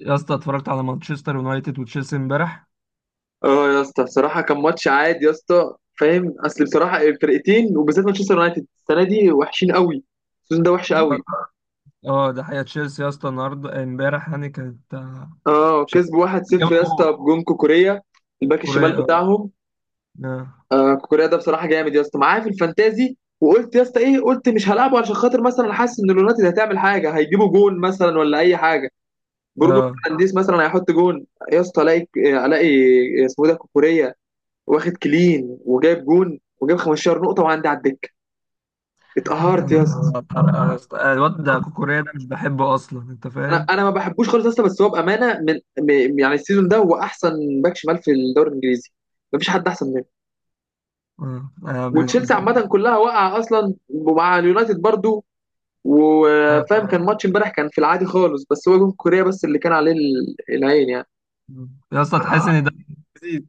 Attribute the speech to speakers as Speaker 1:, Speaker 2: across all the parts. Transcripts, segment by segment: Speaker 1: يا اسطى اتفرجت على مانشستر يونايتد وتشيلسي امبارح.
Speaker 2: اه، يا اسطى بصراحه كان ماتش عادي يا اسطى. فاهم؟ اصل بصراحه الفرقتين وبالذات مانشستر يونايتد السنه دي وحشين قوي. السيزون ده وحش قوي.
Speaker 1: اه. ده حقيقة. تشيلسي يا اسطى النهارده، امبارح يعني كانت،
Speaker 2: اه،
Speaker 1: مش عارف،
Speaker 2: كسبوا 1-0.
Speaker 1: جابوا
Speaker 2: يا
Speaker 1: جول.
Speaker 2: اسطى بجون كوكوريا، الباك الشمال
Speaker 1: كوريا، اه.
Speaker 2: بتاعهم.
Speaker 1: اه.
Speaker 2: آه كوكوريا ده بصراحه جامد يا اسطى، معاه في الفانتازي، وقلت يا اسطى ايه، قلت مش هلعبه عشان خاطر مثلا حاسس ان اليونايتد هتعمل حاجه، هيجيبوا جون مثلا ولا اي حاجه. برونو
Speaker 1: آه،
Speaker 2: فرنانديز مثلا هيحط جون. يا اسطى الاقي اسمه إيه ده كوكوريا، واخد كلين وجايب جون وجايب 15 نقطه، وعندي على الدكه.
Speaker 1: يا
Speaker 2: اتقهرت يا
Speaker 1: نهار
Speaker 2: اسطى.
Speaker 1: أبيض يا اسطى. الواد ده كوكوريا ده مش بحبه اصلا، انت
Speaker 2: انا
Speaker 1: فاهم.
Speaker 2: انا ما بحبوش خالص يا اسطى، بس هو بامانه، من يعني السيزون ده هو احسن باك شمال في الدوري الانجليزي. مفيش حد احسن منه.
Speaker 1: اه.
Speaker 2: وتشيلسي عامه كلها واقعه اصلا، ومع اليونايتد برضو. وفاهم كان ماتش امبارح كان في العادي خالص، بس هو جون كوريا بس اللي كان عليه العين يعني.
Speaker 1: يا اسطى تحس ان ده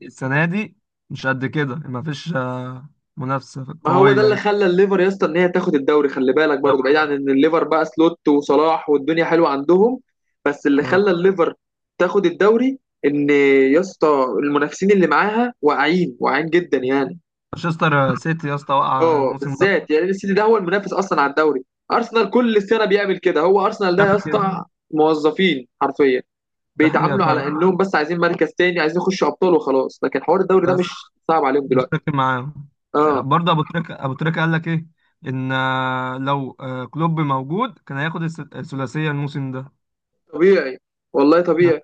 Speaker 1: السنة دي مش قد كده، مفيش منافسة
Speaker 2: ما هو ده
Speaker 1: قوية
Speaker 2: اللي
Speaker 1: يعني.
Speaker 2: خلى الليفر يا اسطى ان هي تاخد الدوري. خلي بالك
Speaker 1: في
Speaker 2: برضه، بعيد
Speaker 1: الدوري،
Speaker 2: عن
Speaker 1: آه.
Speaker 2: ان الليفر بقى سلوت وصلاح والدنيا حلوه عندهم، بس اللي
Speaker 1: آه.
Speaker 2: خلى الليفر تاخد الدوري ان، يا اسطى المنافسين اللي معاها واعيين واعيين جدا يعني.
Speaker 1: مانشستر سيتي يا اسطى وقع
Speaker 2: اه
Speaker 1: الموسم ده.
Speaker 2: بالذات يعني السيتي ده هو المنافس اصلا على الدوري. ارسنال كل سنه بيعمل كده، هو ارسنال ده يا
Speaker 1: بيعمل كده.
Speaker 2: اسطى موظفين حرفيا.
Speaker 1: ده حقيقة
Speaker 2: بيتعاملوا
Speaker 1: فعلا.
Speaker 2: على انهم بس عايزين مركز تاني، عايزين يخشوا ابطال وخلاص، لكن حوار الدوري ده مش
Speaker 1: بس
Speaker 2: صعب عليهم
Speaker 1: مش
Speaker 2: دلوقتي.
Speaker 1: فاكر معاهم.
Speaker 2: اه
Speaker 1: برضه ابو تريكه، ابو تريكه قال لك ايه؟ ان، لو كلوب موجود كان هياخد الثلاثيه الموسم ده.
Speaker 2: طبيعي، والله طبيعي.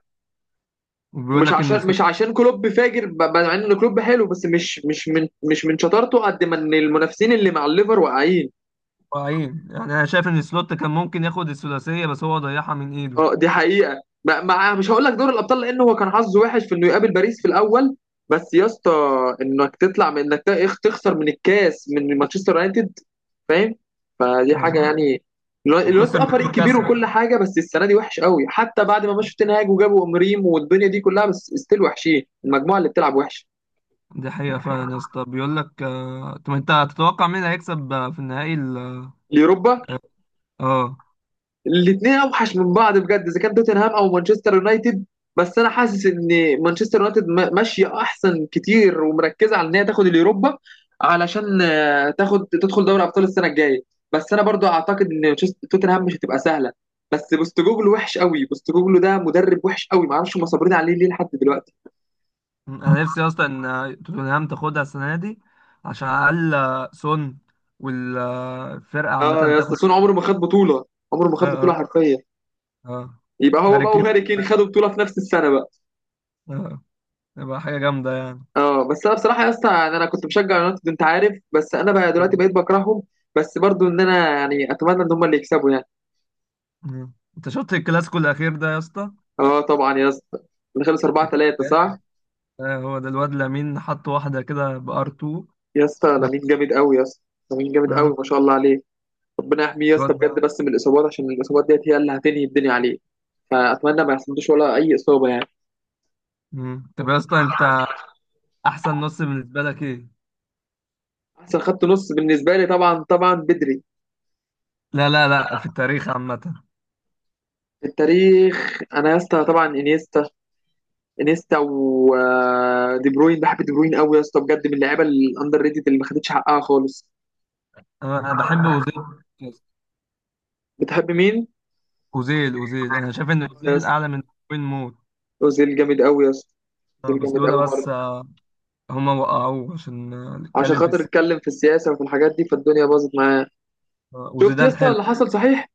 Speaker 1: وبيقول
Speaker 2: مش
Speaker 1: لك ان
Speaker 2: عشان
Speaker 1: سلوت
Speaker 2: مش عشان كلوب فاجر، مع ان كلوب حلو، بس مش من شطارته، قد ما ان المنافسين اللي مع الليفر واقعين.
Speaker 1: ضايعين يعني. انا شايف ان سلوت كان ممكن ياخد الثلاثيه، بس هو ضيعها من ايده،
Speaker 2: اه دي حقيقه. مع، مش هقول لك دور الابطال لان هو كان حظه وحش في انه يقابل باريس في الاول، بس يا اسطى انك تطلع، من انك تخسر من الكاس من مانشستر يونايتد، فاهم؟ فدي
Speaker 1: آه،
Speaker 2: حاجه يعني. الوقت
Speaker 1: وخسر من
Speaker 2: اه، فريق كبير
Speaker 1: نيوكاسل.
Speaker 2: وكل حاجه، بس السنه دي وحش قوي، حتى بعد ما مشوا تنهاج وجابوا امريم والدنيا دي كلها، بس ستيل وحشين، المجموعه اللي بتلعب وحش.
Speaker 1: دي حقيقه فعلا يا اسطى. بيقول لك، طب انت هتتوقع مين هيكسب في النهائي
Speaker 2: اليوروبا،
Speaker 1: اه. آه.
Speaker 2: الاثنين اوحش من بعض بجد اذا كان توتنهام او مانشستر يونايتد. بس انا حاسس ان مانشستر يونايتد ماشيه احسن كتير، ومركزه على ان هي تاخد اليوروبا، علشان تاخد، تدخل دوري ابطال السنه الجايه. بس انا برضو اعتقد ان توتنهام مش هتبقى سهله. بس بوستوجوجلو وحش قوي، بوستوجوجلو ده مدرب وحش قوي، ما اعرفش هم صابرين عليه ليه لحد دلوقتي.
Speaker 1: انا نفسي اصلا ان توتنهام تاخدها السنه دي، عشان على الاقل سون والفرقه عامه
Speaker 2: اه يا اسطى
Speaker 1: تاخد.
Speaker 2: سون عمره ما خد بطوله، عمره ما خد
Speaker 1: آه.
Speaker 2: بطوله
Speaker 1: آه.
Speaker 2: حرفيا.
Speaker 1: اه.
Speaker 2: يبقى هو
Speaker 1: هاري
Speaker 2: بقى
Speaker 1: كين،
Speaker 2: وهاري كين خدوا بطوله في نفس السنه بقى.
Speaker 1: اه. تبقى حاجة جامدة يعني.
Speaker 2: اه بس انا بصراحه يا اسطى، يعني انا كنت بشجع يونايتد انت عارف، بس انا بقى دلوقتي
Speaker 1: آه.
Speaker 2: بقيت بكرههم. بس برضو ان انا يعني اتمنى ان هم اللي يكسبوا يعني.
Speaker 1: آه. انت شفت الكلاسيكو الأخير ده يا اسطى؟
Speaker 2: اه طبعا يا اسطى. اللي خلص
Speaker 1: ده
Speaker 2: 4
Speaker 1: كان
Speaker 2: 3 صح؟
Speaker 1: جامد. آه، هو ده الواد لامين حط واحدة كده بار 2.
Speaker 2: يا اسطى
Speaker 1: جامد.
Speaker 2: لامين جامد قوي يا اسطى. لامين جامد قوي
Speaker 1: اه
Speaker 2: ما شاء الله عليه. ربنا يحميه يا
Speaker 1: الواد
Speaker 2: اسطى
Speaker 1: ده.
Speaker 2: بجد، بس من الاصابات، عشان الاصابات ديت هي اللي هتنهي الدنيا عليه. فاتمنى ما يحصلوش ولا اي اصابه يعني.
Speaker 1: مم. طب يا اسطى انت، أحسن نص بالنسبة لك ايه؟
Speaker 2: احسن خط نص بالنسبه لي، طبعا طبعا بدري،
Speaker 1: لا لا لا، في التاريخ عامة.
Speaker 2: في التاريخ، انا يا اسطى طبعا انيستا. انيستا ودي بروين. بحب دي بروين قوي يا اسطى بجد، من اللعيبه الاندر ريتد اللي ما خدتش حقها خالص.
Speaker 1: أنا بحب أوزيل.
Speaker 2: بتحب مين؟
Speaker 1: أوزيل، أوزيل. أنا شايف إن
Speaker 2: يا
Speaker 1: أوزيل أعلى
Speaker 2: اسطى
Speaker 1: من، وين موت.
Speaker 2: اوزيل جامد قوي يا اسطى.
Speaker 1: آه،
Speaker 2: اوزيل
Speaker 1: بس
Speaker 2: جامد
Speaker 1: لولا
Speaker 2: قوي
Speaker 1: بس
Speaker 2: برضه.
Speaker 1: آه، هما وقعوه عشان
Speaker 2: عشان
Speaker 1: نتكلم في
Speaker 2: خاطر
Speaker 1: السياسة.
Speaker 2: اتكلم في السياسه وفي الحاجات دي، فالدنيا باظت معاه.
Speaker 1: آه،
Speaker 2: شفت يا
Speaker 1: وزيدان
Speaker 2: اسطى
Speaker 1: حلو.
Speaker 2: اللي حصل صحيح؟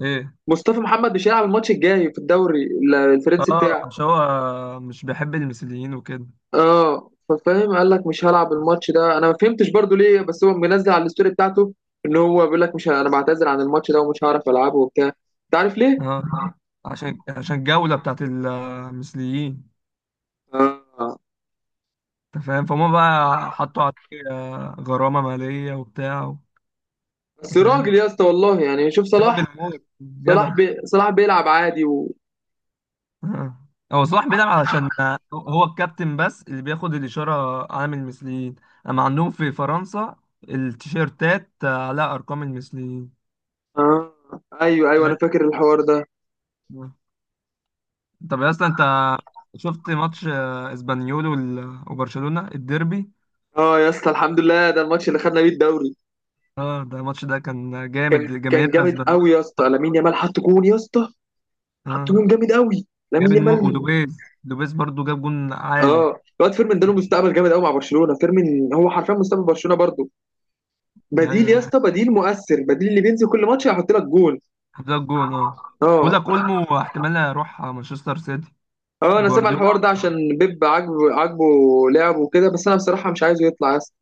Speaker 1: ايه؟
Speaker 2: مصطفى محمد مش هيلعب الماتش الجاي في الدوري الفرنسي
Speaker 1: اه
Speaker 2: بتاعه.
Speaker 1: عشان هو مش بيحب المثليين وكده.
Speaker 2: اه ففاهم، قال لك مش هلعب الماتش ده. انا ما فهمتش برضه ليه، بس هو منزل على الستوري بتاعته ان هو بيقول لك، مش ه- انا بعتذر عن الماتش ده ومش هعرف العبه وبتاع. انت عارف ليه؟
Speaker 1: اه، عشان الجولة بتاعت المثليين.
Speaker 2: اه،
Speaker 1: انت فاهم. فهم بقى، حطوا عليه غرامة مالية وبتاع.
Speaker 2: بس
Speaker 1: انت
Speaker 2: راجل
Speaker 1: فاهم.
Speaker 2: يا اسطى والله يعني. شوف
Speaker 1: راجل
Speaker 2: صلاح،
Speaker 1: موت،
Speaker 2: صلاح
Speaker 1: جدع.
Speaker 2: بي صلاح بيلعب عادي
Speaker 1: اه. هو صلاح بيلعب علشان هو الكابتن، بس اللي بياخد الإشارة عامل المثليين. اما عندهم في فرنسا، التيشيرتات عليها أرقام المثليين.
Speaker 2: آه. ايوه ايوه،
Speaker 1: آه،
Speaker 2: انا فاكر الحوار ده.
Speaker 1: طب يا اسطى انت شفت ماتش اسبانيول وبرشلونة الديربي؟
Speaker 2: اه يا اسطى الحمد لله، ده الماتش اللي خدنا بيه الدوري.
Speaker 1: اه، ده الماتش ده كان جامد.
Speaker 2: كان
Speaker 1: جماهيرنا
Speaker 2: جامد
Speaker 1: اسبانيول.
Speaker 2: قوي يا اسطى. لامين يامال حط جون يا اسطى.
Speaker 1: اه
Speaker 2: حط جون جامد قوي لامين
Speaker 1: جامد. مو
Speaker 2: يامال.
Speaker 1: ودوبيز، دوبيز برضو جاب جون عالي.
Speaker 2: اه الواد فيرمين ده له مستقبل جامد قوي مع برشلونه. فيرمين هو حرفيا مستقبل برشلونه برضه. بديل
Speaker 1: ايوه
Speaker 2: يا
Speaker 1: ده
Speaker 2: اسطى،
Speaker 1: حقيقي.
Speaker 2: بديل مؤثر، بديل اللي بينزل كل ماتش هيحط لك جون.
Speaker 1: حط لك جون، اه. بقول
Speaker 2: اه،
Speaker 1: لك اولمو احتمال يروح مانشستر سيتي.
Speaker 2: اه انا سامع
Speaker 1: جوارديولا.
Speaker 2: الحوار ده عشان بيب عاجبه عاجبه لعبه وكده، بس انا بصراحه مش عايزه يطلع يا اسطى.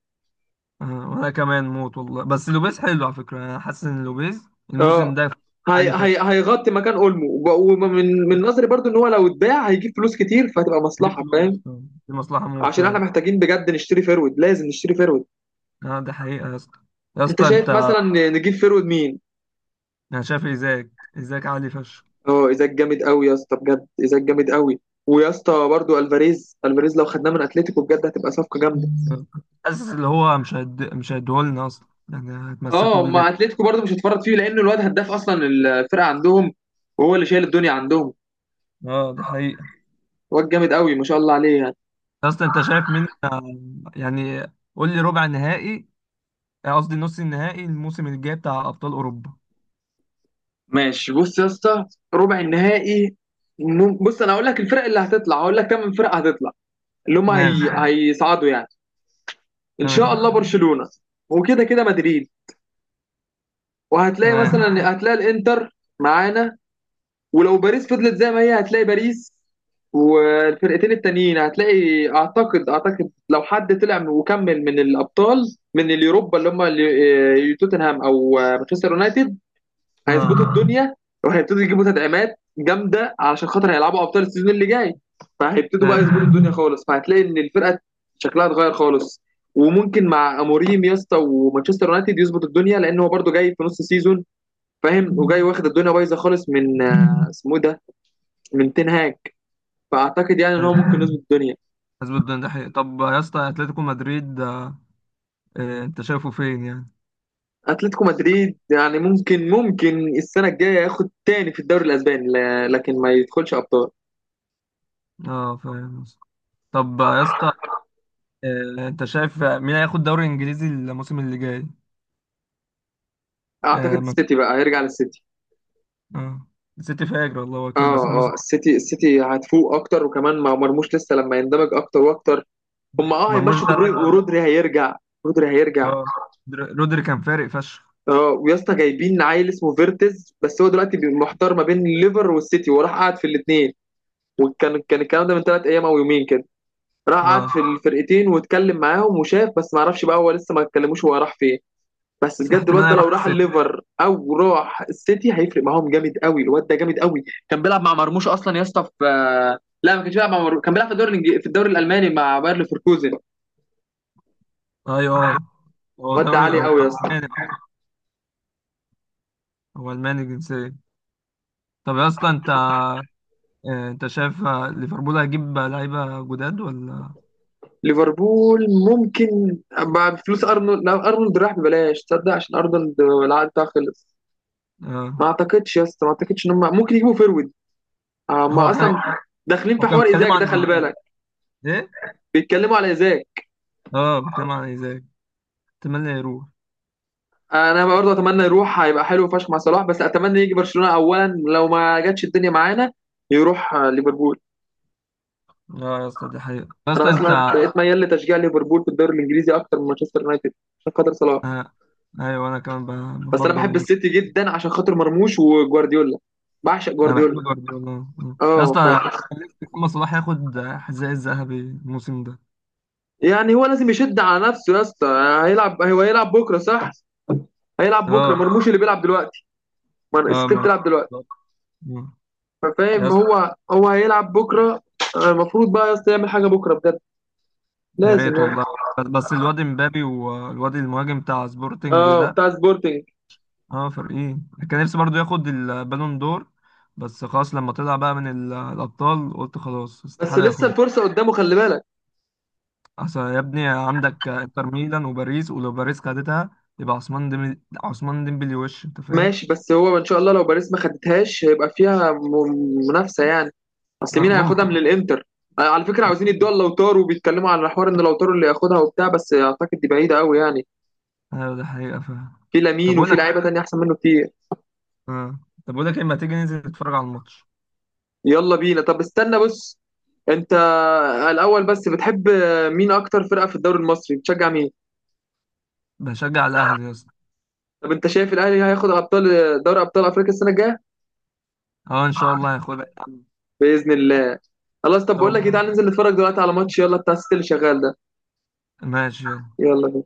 Speaker 1: آه وانا كمان موت والله. بس لوبيز حلو على فكره. انا حاسس ان لوبيز
Speaker 2: اه
Speaker 1: الموسم ده
Speaker 2: هي
Speaker 1: عالي
Speaker 2: هي
Speaker 1: فشخ.
Speaker 2: هيغطي مكان اولمو، ومن نظري برضو ان هو لو اتباع هيجيب فلوس كتير فهتبقى
Speaker 1: دي
Speaker 2: مصلحه
Speaker 1: فلوس،
Speaker 2: فاهم.
Speaker 1: دي مصلحه موت
Speaker 2: عشان احنا
Speaker 1: فعلا.
Speaker 2: محتاجين بجد نشتري فيرود، لازم نشتري فيرود.
Speaker 1: اه ده حقيقه يا اسطى. يا
Speaker 2: انت
Speaker 1: اسطى انت،
Speaker 2: شايف مثلا نجيب فيرود مين؟
Speaker 1: انا شايف ازاك. ازاك عالي فشخ.
Speaker 2: اه، ايزاك جامد قوي يا اسطى بجد. ايزاك جامد قوي. ويا اسطى برضو الفاريز، الفاريز لو خدناه من اتلتيكو بجد هتبقى صفقه جامده.
Speaker 1: آه. حاسس اللي هو مش هيد مش هيديهولنا اصلا يعني، هتمسكوا
Speaker 2: اه،
Speaker 1: بيه
Speaker 2: ما
Speaker 1: جامد.
Speaker 2: اتلتيكو برضو مش هتفرط فيه، لانه الواد هداف اصلا الفرقه عندهم، وهو اللي شايل الدنيا عندهم.
Speaker 1: اه ده حقيقي.
Speaker 2: واد جامد قوي ما شاء الله عليه.
Speaker 1: اصلا انت شايف مين يعني؟ قول لي ربع نهائي، قصدي نص النهائي الموسم الجاي بتاع ابطال اوروبا.
Speaker 2: ماشي، بص يا اسطى. ربع النهائي، بص انا هقول لك الفرق اللي هتطلع، هقول لك كام فرقه هتطلع، اللي هم
Speaker 1: ماشي.
Speaker 2: هيصعدوا يعني. ان شاء
Speaker 1: تمام.
Speaker 2: الله برشلونه، وكده كده مدريد، وهتلاقي
Speaker 1: تمام.
Speaker 2: مثلا هتلاقي الانتر معانا. ولو باريس فضلت زي ما هي هتلاقي باريس. والفرقتين التانيين هتلاقي، اعتقد لو حد طلع وكمل من الابطال من اليوروبا اللي هم توتنهام او مانشستر يونايتد، هيظبطوا
Speaker 1: اه.
Speaker 2: الدنيا وهيبتدوا يجيبوا تدعيمات جامده، علشان خاطر هيلعبوا ابطال السيزون اللي جاي. فهيبتدوا
Speaker 1: ايوه
Speaker 2: بقى يظبطوا
Speaker 1: فاهم.
Speaker 2: الدنيا خالص، فهتلاقي ان الفرقه شكلها اتغير خالص. وممكن مع اموريم يا اسطى ومانشستر يونايتد يظبط الدنيا، لان هو برده جاي في نص سيزون فاهم، وجاي واخد الدنيا بايظه خالص من اسمه إيه ده، من تين هاج. فاعتقد يعني ان هو
Speaker 1: ايوه
Speaker 2: ممكن يظبط الدنيا.
Speaker 1: حسب الدنيا، ده حقيقي. طب يا اسطى اتلتيكو مدريد انت شايفه فين يعني؟
Speaker 2: اتلتيكو مدريد يعني ممكن السنه الجايه ياخد تاني في الدوري الاسباني، لكن ما يدخلش ابطال.
Speaker 1: اه فاهم يا اسطى. طب يا اسطى، انت شايف مين هياخد دوري انجليزي الموسم اللي جاي؟
Speaker 2: اعتقد
Speaker 1: اه.
Speaker 2: السيتي بقى، هيرجع للسيتي.
Speaker 1: آه. السيتي فاجر والله
Speaker 2: اه،
Speaker 1: وكيل، بس
Speaker 2: اه
Speaker 1: الموسم.
Speaker 2: السيتي هتفوق اكتر، وكمان مع مرموش لسه لما يندمج اكتر واكتر. هم اه
Speaker 1: مرموش
Speaker 2: هيمشوا دي
Speaker 1: ده
Speaker 2: بروين،
Speaker 1: لعيب والله.
Speaker 2: ورودري هيرجع. رودري هيرجع.
Speaker 1: اه. رودري كان فارق فشخ.
Speaker 2: اه، ويا اسطى جايبين عيل اسمه فيرتز، بس هو دلوقتي محتار ما بين الليفر والسيتي، وراح قعد في الاثنين. وكان الكلام ده من 3 ايام او يومين كده. راح قعد في
Speaker 1: اه،
Speaker 2: الفرقتين واتكلم معاهم وشاف، بس ما اعرفش بقى هو لسه ما اتكلموش هو راح فين. بس
Speaker 1: بس
Speaker 2: بجد
Speaker 1: احتمال
Speaker 2: الواد ده لو
Speaker 1: هيروح
Speaker 2: راح
Speaker 1: السيتي.
Speaker 2: الليفر او راح السيتي هيفرق معاهم جامد قوي. الواد ده جامد قوي، كان بيلعب مع مرموش اصلا يا اسطى في، لا ما كانش بيلعب مع مرموش، كان بيلعب في الدوري الالماني مع باير ليفركوزن.
Speaker 1: ايوه آه. هو
Speaker 2: الواد ده
Speaker 1: دوري،
Speaker 2: عالي
Speaker 1: هو
Speaker 2: قوي يا اسطى.
Speaker 1: الماني أصلاً، هو الماني الجنسية. طب يا اسطى انت، انت شايف ليفربول هيجيب لعيبة جداد ولا؟
Speaker 2: ليفربول ممكن مع فلوس ارنولد، لو ارنولد راح ببلاش تصدق، عشان ارنولد العقد بتاعه خلص. ما
Speaker 1: آه.
Speaker 2: اعتقدش يا اسطى، ما اعتقدش ان هم ممكن يجيبوا فيرويد. ما
Speaker 1: هو كان،
Speaker 2: اصلا داخلين في
Speaker 1: هو كان
Speaker 2: حوار
Speaker 1: بيتكلم
Speaker 2: ايزاك
Speaker 1: عن
Speaker 2: ده خلي
Speaker 1: ايزاك.
Speaker 2: بالك.
Speaker 1: ايه؟
Speaker 2: بيتكلموا على ايزاك.
Speaker 1: اه بيتكلم عن ايزاك. اتمنى يروح.
Speaker 2: انا برضه اتمنى يروح، هيبقى حلو فشخ مع صلاح، بس اتمنى يجي برشلونه اولا. لو ما جاتش الدنيا معانا يروح ليفربول.
Speaker 1: اه يا اسطى دي حقيقة. يا
Speaker 2: انا
Speaker 1: اسطى
Speaker 2: اصلا
Speaker 1: انت.
Speaker 2: بقيت ميال لتشجيع ليفربول في الدوري الانجليزي اكتر من مانشستر يونايتد، عشان خاطر صلاح.
Speaker 1: آه. ايوه انا كمان
Speaker 2: بس انا بحب
Speaker 1: بفضل.
Speaker 2: السيتي جدا عشان خاطر مرموش وجوارديولا. بعشق
Speaker 1: انا بحب
Speaker 2: جوارديولا.
Speaker 1: جوارديولا. آه. يا
Speaker 2: اه
Speaker 1: اسطى أنا كان نفسي محمد صلاح ياخد حذاء الذهبي الموسم ده.
Speaker 2: يعني هو لازم يشد على نفسه يا اسطى. هو هيلعب بكره صح؟ هيلعب بكره
Speaker 1: اه.
Speaker 2: مرموش اللي بيلعب دلوقتي، ما
Speaker 1: اه.
Speaker 2: السيتي بتلعب دلوقتي.
Speaker 1: آه. يا
Speaker 2: فاهم،
Speaker 1: اسطى.
Speaker 2: هو هيلعب بكره. المفروض بقى يا اسطى يعمل حاجه بكره بجد،
Speaker 1: يا
Speaker 2: لازم
Speaker 1: ريت
Speaker 2: يعني.
Speaker 1: والله. بس بس الواد امبابي والواد المهاجم بتاع سبورتنج
Speaker 2: اه
Speaker 1: ده.
Speaker 2: بتاع سبورتنج.
Speaker 1: اه، فريقين كان نفسي برضو ياخد البالون دور، بس خلاص لما طلع بقى من الابطال قلت خلاص
Speaker 2: بس
Speaker 1: استحاله
Speaker 2: لسه
Speaker 1: ياخد.
Speaker 2: الفرصه قدامه خلي بالك.
Speaker 1: اصل يا ابني عندك انتر ميلان وباريس، ولو باريس خدتها يبقى عثمان ديمبلي، عثمان ديمبلي. وش انت فاهم.
Speaker 2: ماشي، بس هو ان شاء الله لو باريس ما خدتهاش هيبقى فيها منافسه يعني. اصل
Speaker 1: اه
Speaker 2: مين هياخدها من
Speaker 1: ممكن.
Speaker 2: الانتر؟ على فكره
Speaker 1: اه،
Speaker 2: عاوزين يدوها لوتارو، وبيتكلموا على حوار ان لوتارو اللي ياخدها وبتاع، بس اعتقد دي بعيده قوي يعني.
Speaker 1: ده حقيقه فاهم.
Speaker 2: في
Speaker 1: طب
Speaker 2: لامين
Speaker 1: اقول
Speaker 2: وفي
Speaker 1: لك،
Speaker 2: لعيبه تانية احسن منه كتير.
Speaker 1: اه، طب اقول لك اما تيجي ننزل نتفرج على الماتش.
Speaker 2: يلا بينا، طب استنى بص. انت الاول بس، بتحب مين، اكتر فرقه في الدوري المصري بتشجع مين؟
Speaker 1: بشجع الاهلي يا اسطى.
Speaker 2: طب انت شايف الاهلي هياخد ابطال، دوري ابطال افريقيا السنه الجايه؟
Speaker 1: اه ان شاء الله هياخدها يا عم، ان
Speaker 2: باذن الله. خلاص، طب
Speaker 1: شاء
Speaker 2: بقول لك ايه،
Speaker 1: الله.
Speaker 2: تعالى ننزل نتفرج دلوقتي على ماتش يلا بتاع الست اللي شغال ده.
Speaker 1: ماشي، يلا.
Speaker 2: يلا بينا.